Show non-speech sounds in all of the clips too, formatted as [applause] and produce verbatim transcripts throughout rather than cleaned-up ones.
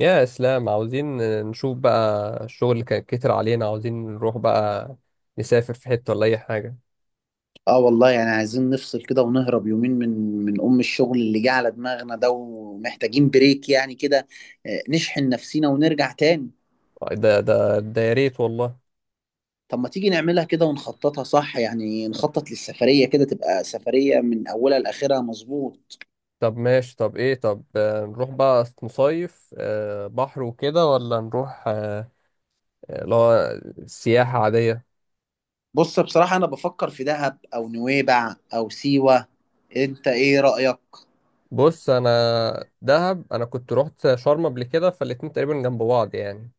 يا اسلام عاوزين نشوف بقى الشغل اللي كان كتر علينا عاوزين نروح بقى نسافر في حتة ولا اي حاجة. اه والله يعني عايزين نفصل كده ونهرب يومين من من ام الشغل اللي جه على دماغنا ده ومحتاجين بريك يعني كده. آه، نشحن نفسينا ونرجع تاني. ده ده ده يا ريت والله. طب ما تيجي نعملها كده ونخططها صح، يعني نخطط للسفرية كده تبقى سفرية من اولها لاخرها، مظبوط. طب ماشي طب ايه طب آه، نروح بقى نصيف آه، بحر وكده ولا نروح آه، آه، اللي هو سياحة عادية. بص بصراحة انا بفكر في دهب او نويبع او سيوة، انت ايه رأيك؟ بص انا دهب انا كنت رحت شرم قبل كده فالاتنين تقريبا جنب بعض يعني.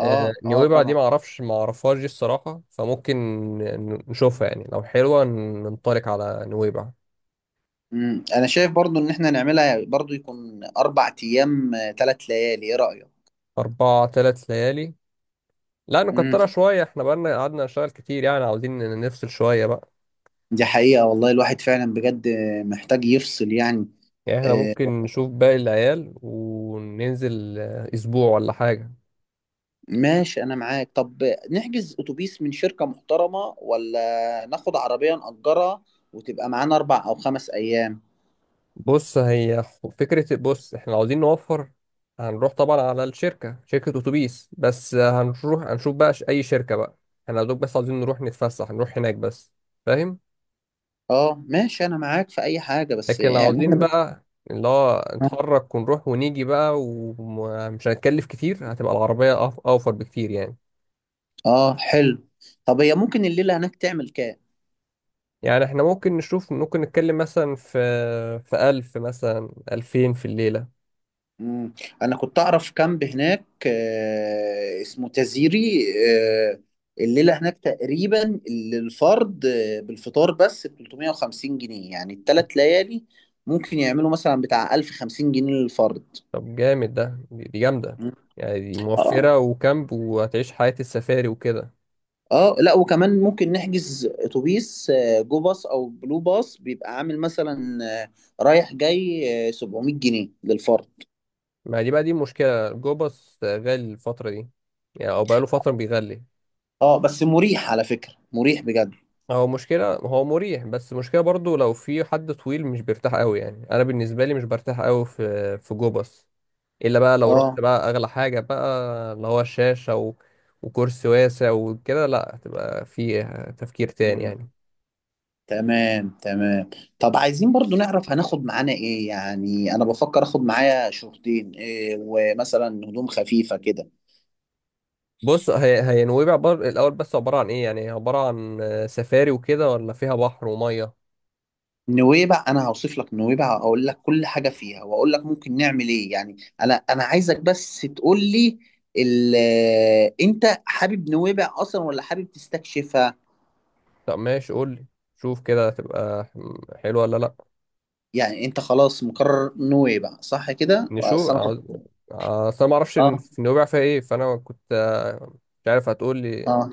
اه آه، اه نويبع دي طبعا. معرفش معرفهاش دي الصراحة فممكن ن- نشوفها يعني لو حلوة ن- ننطلق على نويبع. مم. انا شايف برضو ان احنا نعملها برضو يكون اربع ايام، ثلاث ليالي، ايه رأيك؟ أربع تلات ليالي لا مم. نكترها شوية، احنا بقالنا قعدنا نشتغل كتير يعني عاوزين ن- نفصل شوية بقى. دي حقيقة والله، الواحد فعلا بجد محتاج يفصل يعني. يعني احنا آه، ممكن نشوف باقي العيال وننزل آه، أسبوع ولا حاجة. ماشي أنا معاك. طب نحجز أتوبيس من شركة محترمة ولا ناخد عربية نأجرها وتبقى معانا أربع أو خمس أيام؟ بص هي خ- فكرة، بص احنا عاوزين نوفر. هنروح طبعا على الشركة شركة أتوبيس بس آه، هنروح هنشوف بقى ش- أي شركة بقى. احنا يا دوب بس عاوزين نروح نتفسح نروح هناك بس، فاهم. أه ماشي أنا معاك في أي حاجة، بس لكن لو يعني [laughs] عاوزين إحنا- بقى اللي هو نتحرك ونروح ونيجي بقى ومش هنتكلف كتير هتبقى العربية أف- أوفر بكتير يعني. أه حلو. طب هي ممكن الليلة هناك تعمل كام؟ يعني احنا ممكن نشوف ممكن نتكلم مثلا في في ألف مثلا ألفين في الليلة. مم. انا كنت اعرف كامب هناك آه، اسمه تزيري. آه، الليله هناك تقريبا للفرد آه، بالفطار بس ب ثلاث ميه وخمسين جنيه، يعني الثلاث ليالي ممكن يعملوا مثلا بتاع ألف وخمسين جنيه للفرد. طب جامد ده دي دي جامدة. مم. يعني دي اه. موفرة وكامب وهتعيش حياة السفاري وكده. اه لا وكمان ممكن نحجز اتوبيس آه، جو باص او بلو باص، بيبقى عامل مثلا آه، رايح جاي آه، سبعمائة جنيه للفرد. ما دي بقى دي مشكلة، جو باص غالي الفترة دي، يعني أو بقاله فترة بيغلي. اه بس مريح، على فكره مريح بجد. هو مشكلة، هو مريح بس مشكلة برضو لو في حد طويل مش بيرتاح قوي يعني، أنا بالنسبة لي مش برتاح قوي في في جو باص. الا بقى لو رحت اه بقى اغلى حاجه بقى اللي هو الشاشه و... وكرسي واسع وكده، لا هتبقى في تفكير تاني يعني. تمام تمام. طب عايزين برضو نعرف هناخد معانا ايه، يعني انا بفكر اخد معايا شورتين إيه ومثلا هدوم خفيفة كده. بص هي هي نويبع بر... الاول بس عباره عن ايه، يعني عباره عن آه، سفاري وكده ولا فيها بحر وميه؟ نويبع انا هوصف لك نويبع، اقول لك كل حاجة فيها واقول لك ممكن نعمل ايه يعني. انا انا عايزك بس تقول لي ال- آه، انت حابب نويبع اصلا ولا حابب تستكشفها؟ طب ماشي قول لي. شوف كده هتبقى ح- حلوه ولا لا. يعني انت خلاص مقرر نويبع صح كده، اصل نشوف انا كنت. عاوز- اصل انا ما اعرفش إن اه في نويبع فيها ايه، فانا كنت آه، مش عارف، هتقول لي. اه.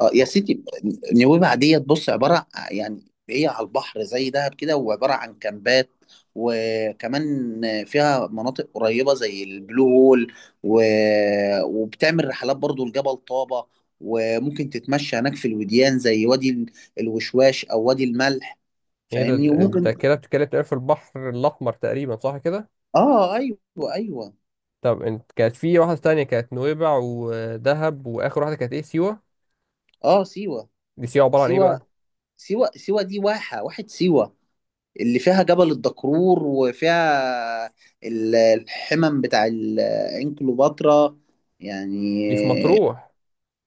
اه يا سيدي، نويبع ديت بص عباره آه، يعني هي على البحر زي دهب كده وعباره عن كامبات، وكمان فيها مناطق قريبه زي البلو هول و... وبتعمل رحلات برضو لجبل طابه، وممكن تتمشى هناك في الوديان زي وادي ال- الوشواش او وادي الملح، ايه ده؟ فاهمني. ده وممكن كده بتتكلم تقريباً في البحر الاحمر تقريبا صح كده؟ اه ايوه ايوه. طب انت كانت في واحدة تانية كانت نويبع ودهب واخر واحدة كانت ايه، سيوة. اه سيوه دي سيوة عبارة عن ايه سيوه بقى؟ سيوه، سيوه دي واحه واحه سيوه، اللي فيها جبل الدكرور، وفيها ال- الحمم بتاع ال- عين كليوباترا دي في يعني. مطروح؟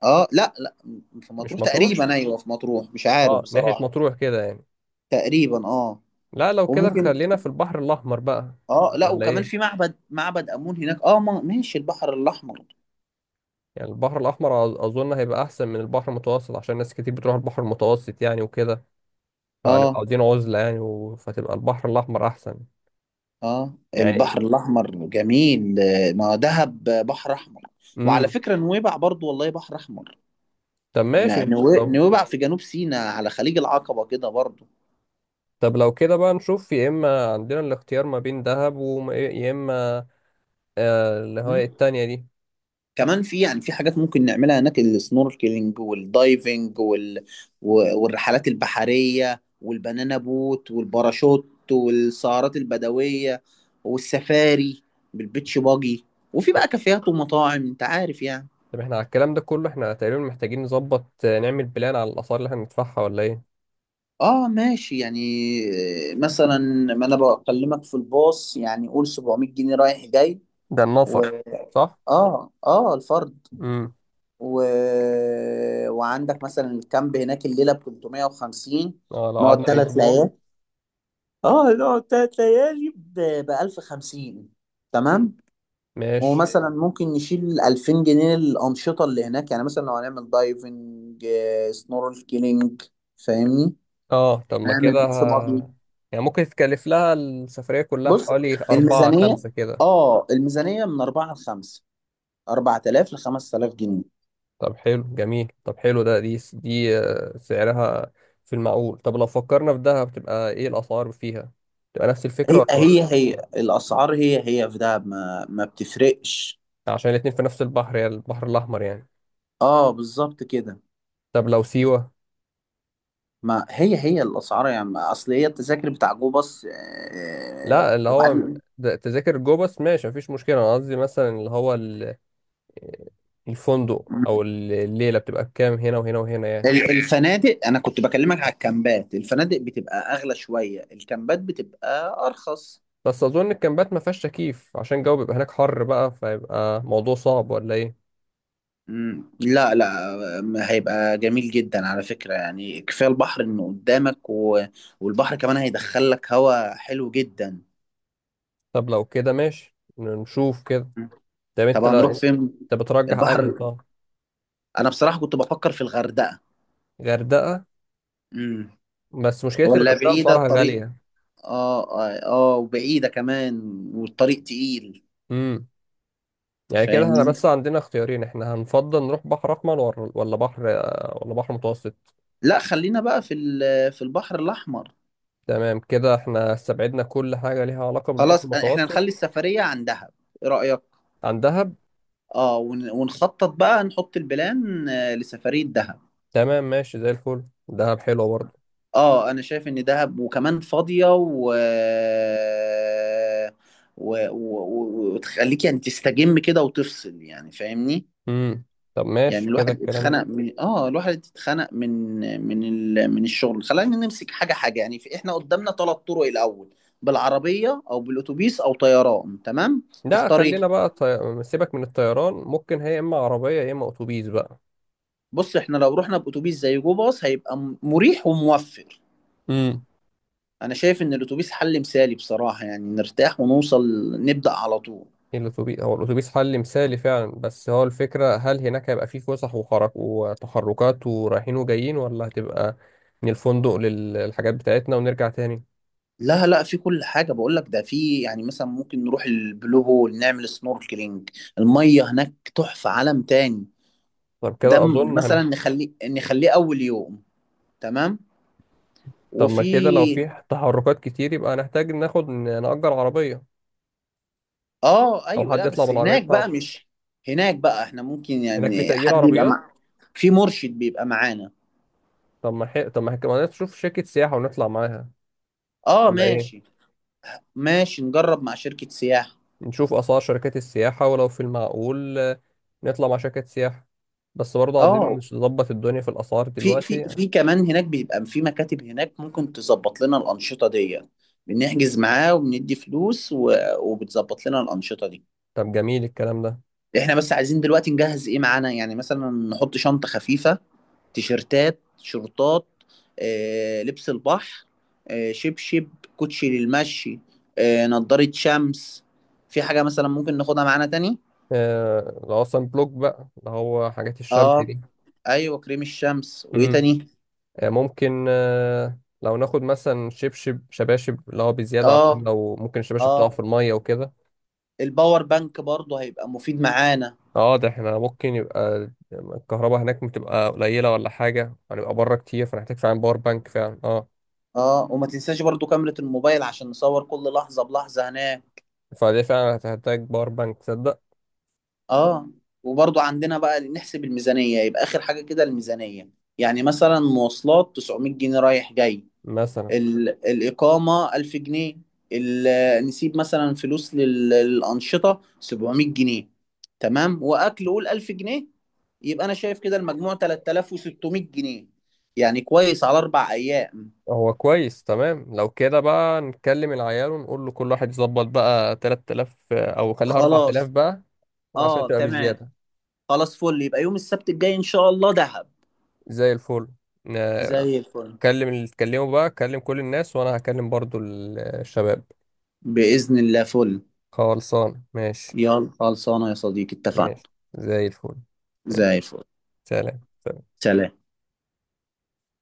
اه لا لا، في مش مطروح مطروح، تقريبا، ايوه في مطروح، مش عارف اه ناحية بصراحة. مطروح كده يعني. تقريبا اه. لا لو كده وممكن خلينا في البحر الاحمر بقى اه لا، ولا وكمان في ايه؟ معبد، معبد امون هناك. اه ما- ماشي البحر الاحمر. يعني البحر الاحمر أظ- اظن هيبقى احسن من البحر المتوسط عشان ناس كتير بتروح البحر المتوسط يعني وكده، فهنبقى اه عاوزين عزلة يعني و... فتبقى البحر الاحمر احسن اه يعني. البحر الاحمر جميل، آه، ما دهب بحر احمر. وعلى امم. فكرة نويبع برضو والله بحر احمر. طب ن- ماشي نوي- طب نويبع في جنوب سيناء على خليج العقبة كده برضو. طب لو كده بقى نشوف، يا اما عندنا الاختيار ما بين دهب ويا اما آه، اللي هو مم. إيه التانية دي. كمان في، يعني في حاجات ممكن نعملها هناك: السنوركلينج والدايفنج وال... و- والرحلات البحرية والبنانا بوت والباراشوت والسهرات البدوية والسفاري بالبيتش باجي، وفي طب بقى كافيهات ومطاعم انت عارف يعني. طب احنا على الكلام ده كله احنا تقريبا محتاجين نظبط آه، نعمل بلان على الآثار اللي احنا هندفعها ولا ايه؟ اه ماشي يعني. آه، مثلا، ما انا بكلمك في الباص، يعني قول سبع ميه جنيه رايح جاي ده و. النفر، صح. اه اه الفرد. امم. و... وعندك مثلا الكامب هناك، الليله ب ثلاث ميه وخمسين. اه لو نقعد قعدنا ثلاث أسبوع. ليالي. اه نقعد ثلاث ليالي ب ألف وخمسين، تمام. ماشي. ومثلا ممكن نشيل ألفين جنيه الانشطه اللي هناك، يعني مثلا لو هنعمل دايفنج، سنوركلينج، فاهمني، اه طب ما هنعمل كده بيتش ه- باجي. يعني ممكن تكلف لها السفرية كلها بص، حوالي أربعة الميزانيه خمسة كده. اه الميزانيه من أربعة ل خمسة، أربعة آلاف ل خمسة آلاف جنيه. طب حلو جميل، طب حلو ده دي دي آه، سعرها في المعقول. طب لو فكرنا في دهب تبقى ايه الأسعار فيها؟ تبقى نفس الفكرة هي ولا؟ هي هي الاسعار هي هي في دهب، ما ما بتفرقش. عشان الاتنين في نفس البحر يعني البحر الأحمر يعني. اه بالظبط كده. طب لو سيوة؟ ما هي هي الاسعار يعني، ما- اصل هي التذاكر بتاع جو باص آه، لا اللي هو وبعدين ده- تذاكر جوه بس ماشي مفيش مشكلة، أنا قصدي مثلا اللي هو ال- الفندق أو الليلة بتبقى بكام هنا وهنا وهنا يعني. ال- الفنادق، انا كنت بكلمك على الكامبات، الفنادق بتبقى اغلى شويه، الكامبات بتبقى ارخص. بس أظن الكامبات مفيهاش تكييف عشان الجو بيبقى هناك حر بقى، فيبقى موضوع صعب ولا إيه؟ مم. لا لا، ما هيبقى جميل جدا على فكره، يعني كفايه البحر انه قدامك و... والبحر كمان هيدخل لك هواء حلو جدا. طب لو كده ماشي نشوف كده. مم. طب طب أنت هنروح فين؟ أنت بترجح أنهي؟ البحر. طب انا بصراحه كنت بفكر في الغردقه. غردقة؟ امم. بس مشكلة ولا الغردقة بعيده أسعارها الطريق. غالية. اه اه، آه، وبعيدة كمان، والطريق تقيل، امم. يعني كده احنا فاهمني. بس عندنا اختيارين، احنا هنفضل نروح بحر أحمر ولا ولا بحر، ولا بحر متوسط. لا خلينا بقى في ال- في البحر الأحمر. تمام، كده احنا استبعدنا كل حاجة ليها علاقة بالبحر خلاص احنا المتوسط. نخلي السفرية عن دهب، ايه رأيك؟ عن دهب. اه، ون- ونخطط بقى، نحط البلان آه، لسفرية دهب. تمام ماشي زي الفل، دهب حلوة برضه. اه انا شايف ان دهب وكمان فاضية و و... و... و... وتخليك يعني تستجم كده وتفصل، يعني فاهمني. امم. طب يعني ماشي كده الواحد الكلام ده. اتخنق من، اه الواحد اتخنق من من ال... من الشغل. خلينا نمسك حاجه حاجه يعني، في احنا قدامنا ثلاث طرق الاول: بالعربيه او بالاتوبيس او طيران، تمام؟ لا تختار ايه؟ خلينا بقى طي... سيبك من الطيران، ممكن هي اما عربية يا اما اتوبيس بقى. بص احنا لو رحنا باتوبيس زي جو باص هيبقى م- مريح وموفر. امم. انا شايف ان الاتوبيس حل مثالي بصراحه، يعني نرتاح ونوصل نبدا على طول. الاتوبيس، هو الاتوبيس حل مثالي فعلا، بس هو الفكرة هل هناك هيبقى فيه فسح وخرج وتحركات ورايحين وجايين ولا هتبقى من الفندق للحاجات بتاعتنا ونرجع تاني؟ لا لا، في كل حاجه، بقول لك ده في، يعني مثلا ممكن نروح البلو هول نعمل سنوركلينج، الميه هناك تحفه، عالم تاني. طب ده كده م- اظن. مثلا نخليه نخليه اول يوم، تمام. طب ما كده لو وفي في تحركات كتير يبقى هنحتاج ناخد نأجر عربية، اه أو ايوه، حد لا يطلع بس بالعربية هناك بقى بتاعته. مش. هناك بقى احنا ممكن هناك في يعني تأجير حد يبقى عربيات. مع، في مرشد بيبقى معانا. طب ما حي... طب ما كمان نشوف شركة سياحة ونطلع معاها، اه ولا إيه؟ ماشي. ماشي نجرب مع شركة سياحة. نشوف أسعار شركات السياحة ولو في المعقول آه، نطلع مع شركة سياحة، بس برضه عايزين اه نظبط الدنيا في الأسعار في دلوقتي في يعني. في كمان هناك بيبقى في مكاتب هناك ممكن تظبط لنا الأنشطة دي، بنحجز معاه وبندي فلوس و... وبتظبط لنا الأنشطة دي. طب جميل الكلام ده. احنا بس عايزين دلوقتي نجهز ايه معانا، يعني مثلا نحط شنطة خفيفة: تيشرتات، شورتات، آه، لبس البحر، آه، شبشب، كوتشي للمشي، آه، نضارة شمس. في حاجة مثلا ممكن ناخدها معانا تاني؟ آه... لو أصلا بلوك بقى اللي هو حاجات الشمس اه دي. ايوه، كريم الشمس، وايه مم. تاني؟ آه، ممكن آه، لو ناخد مثلا شبشب شباشب اللي هو بزيادة عشان اه لو ممكن الشباشب تقع اه في المية وكده. الباور بانك برضه هيبقى مفيد معانا. اه ده احنا ممكن يبقى الكهرباء هناك بتبقى قليلة ولا حاجة، هنبقى بره كتير فنحتاج فعلا باور بانك فعلا اه. اه، وما تنساش برضه كاميرا الموبايل عشان نصور كل لحظة بلحظة هناك. فدي فعلا هتحتاج باور بانك تصدق. اه، وبرضو عندنا بقى نحسب الميزانية، يبقى آخر حاجة كده الميزانية. يعني مثلا مواصلات تسعمائة جنيه رايح جاي، مثلا. ال... الإقامة ألف جنيه، ال... نسيب مثلا فلوس لل... للأنشطة سبعمائة جنيه، تمام، وأكل قول ألف جنيه، يبقى أنا شايف كده المجموع تلاتة آلاف وستمائة جنيه، يعني كويس على أربع أيام. هو كويس تمام، لو كده بقى نكلم العيال ونقول له كل واحد يظبط بقى تلاتة آلاف آه، او خليها اربعة آلاف خلاص بقى عشان اه تبقى تمام. بزيادة. خلاص فل، يبقى يوم السبت الجاي إن شاء الله دهب. زي الفل. آه، زي الفل. كلم اللي تكلمه بقى، كلم كل الناس وانا هكلم برضو ال- الشباب. بإذن الله فل. خلصان ماشي. يلا خلصانة يا صديقي، اتفقنا. ماشي زي الفل. ماشي. زي الفل. سلام. سلام.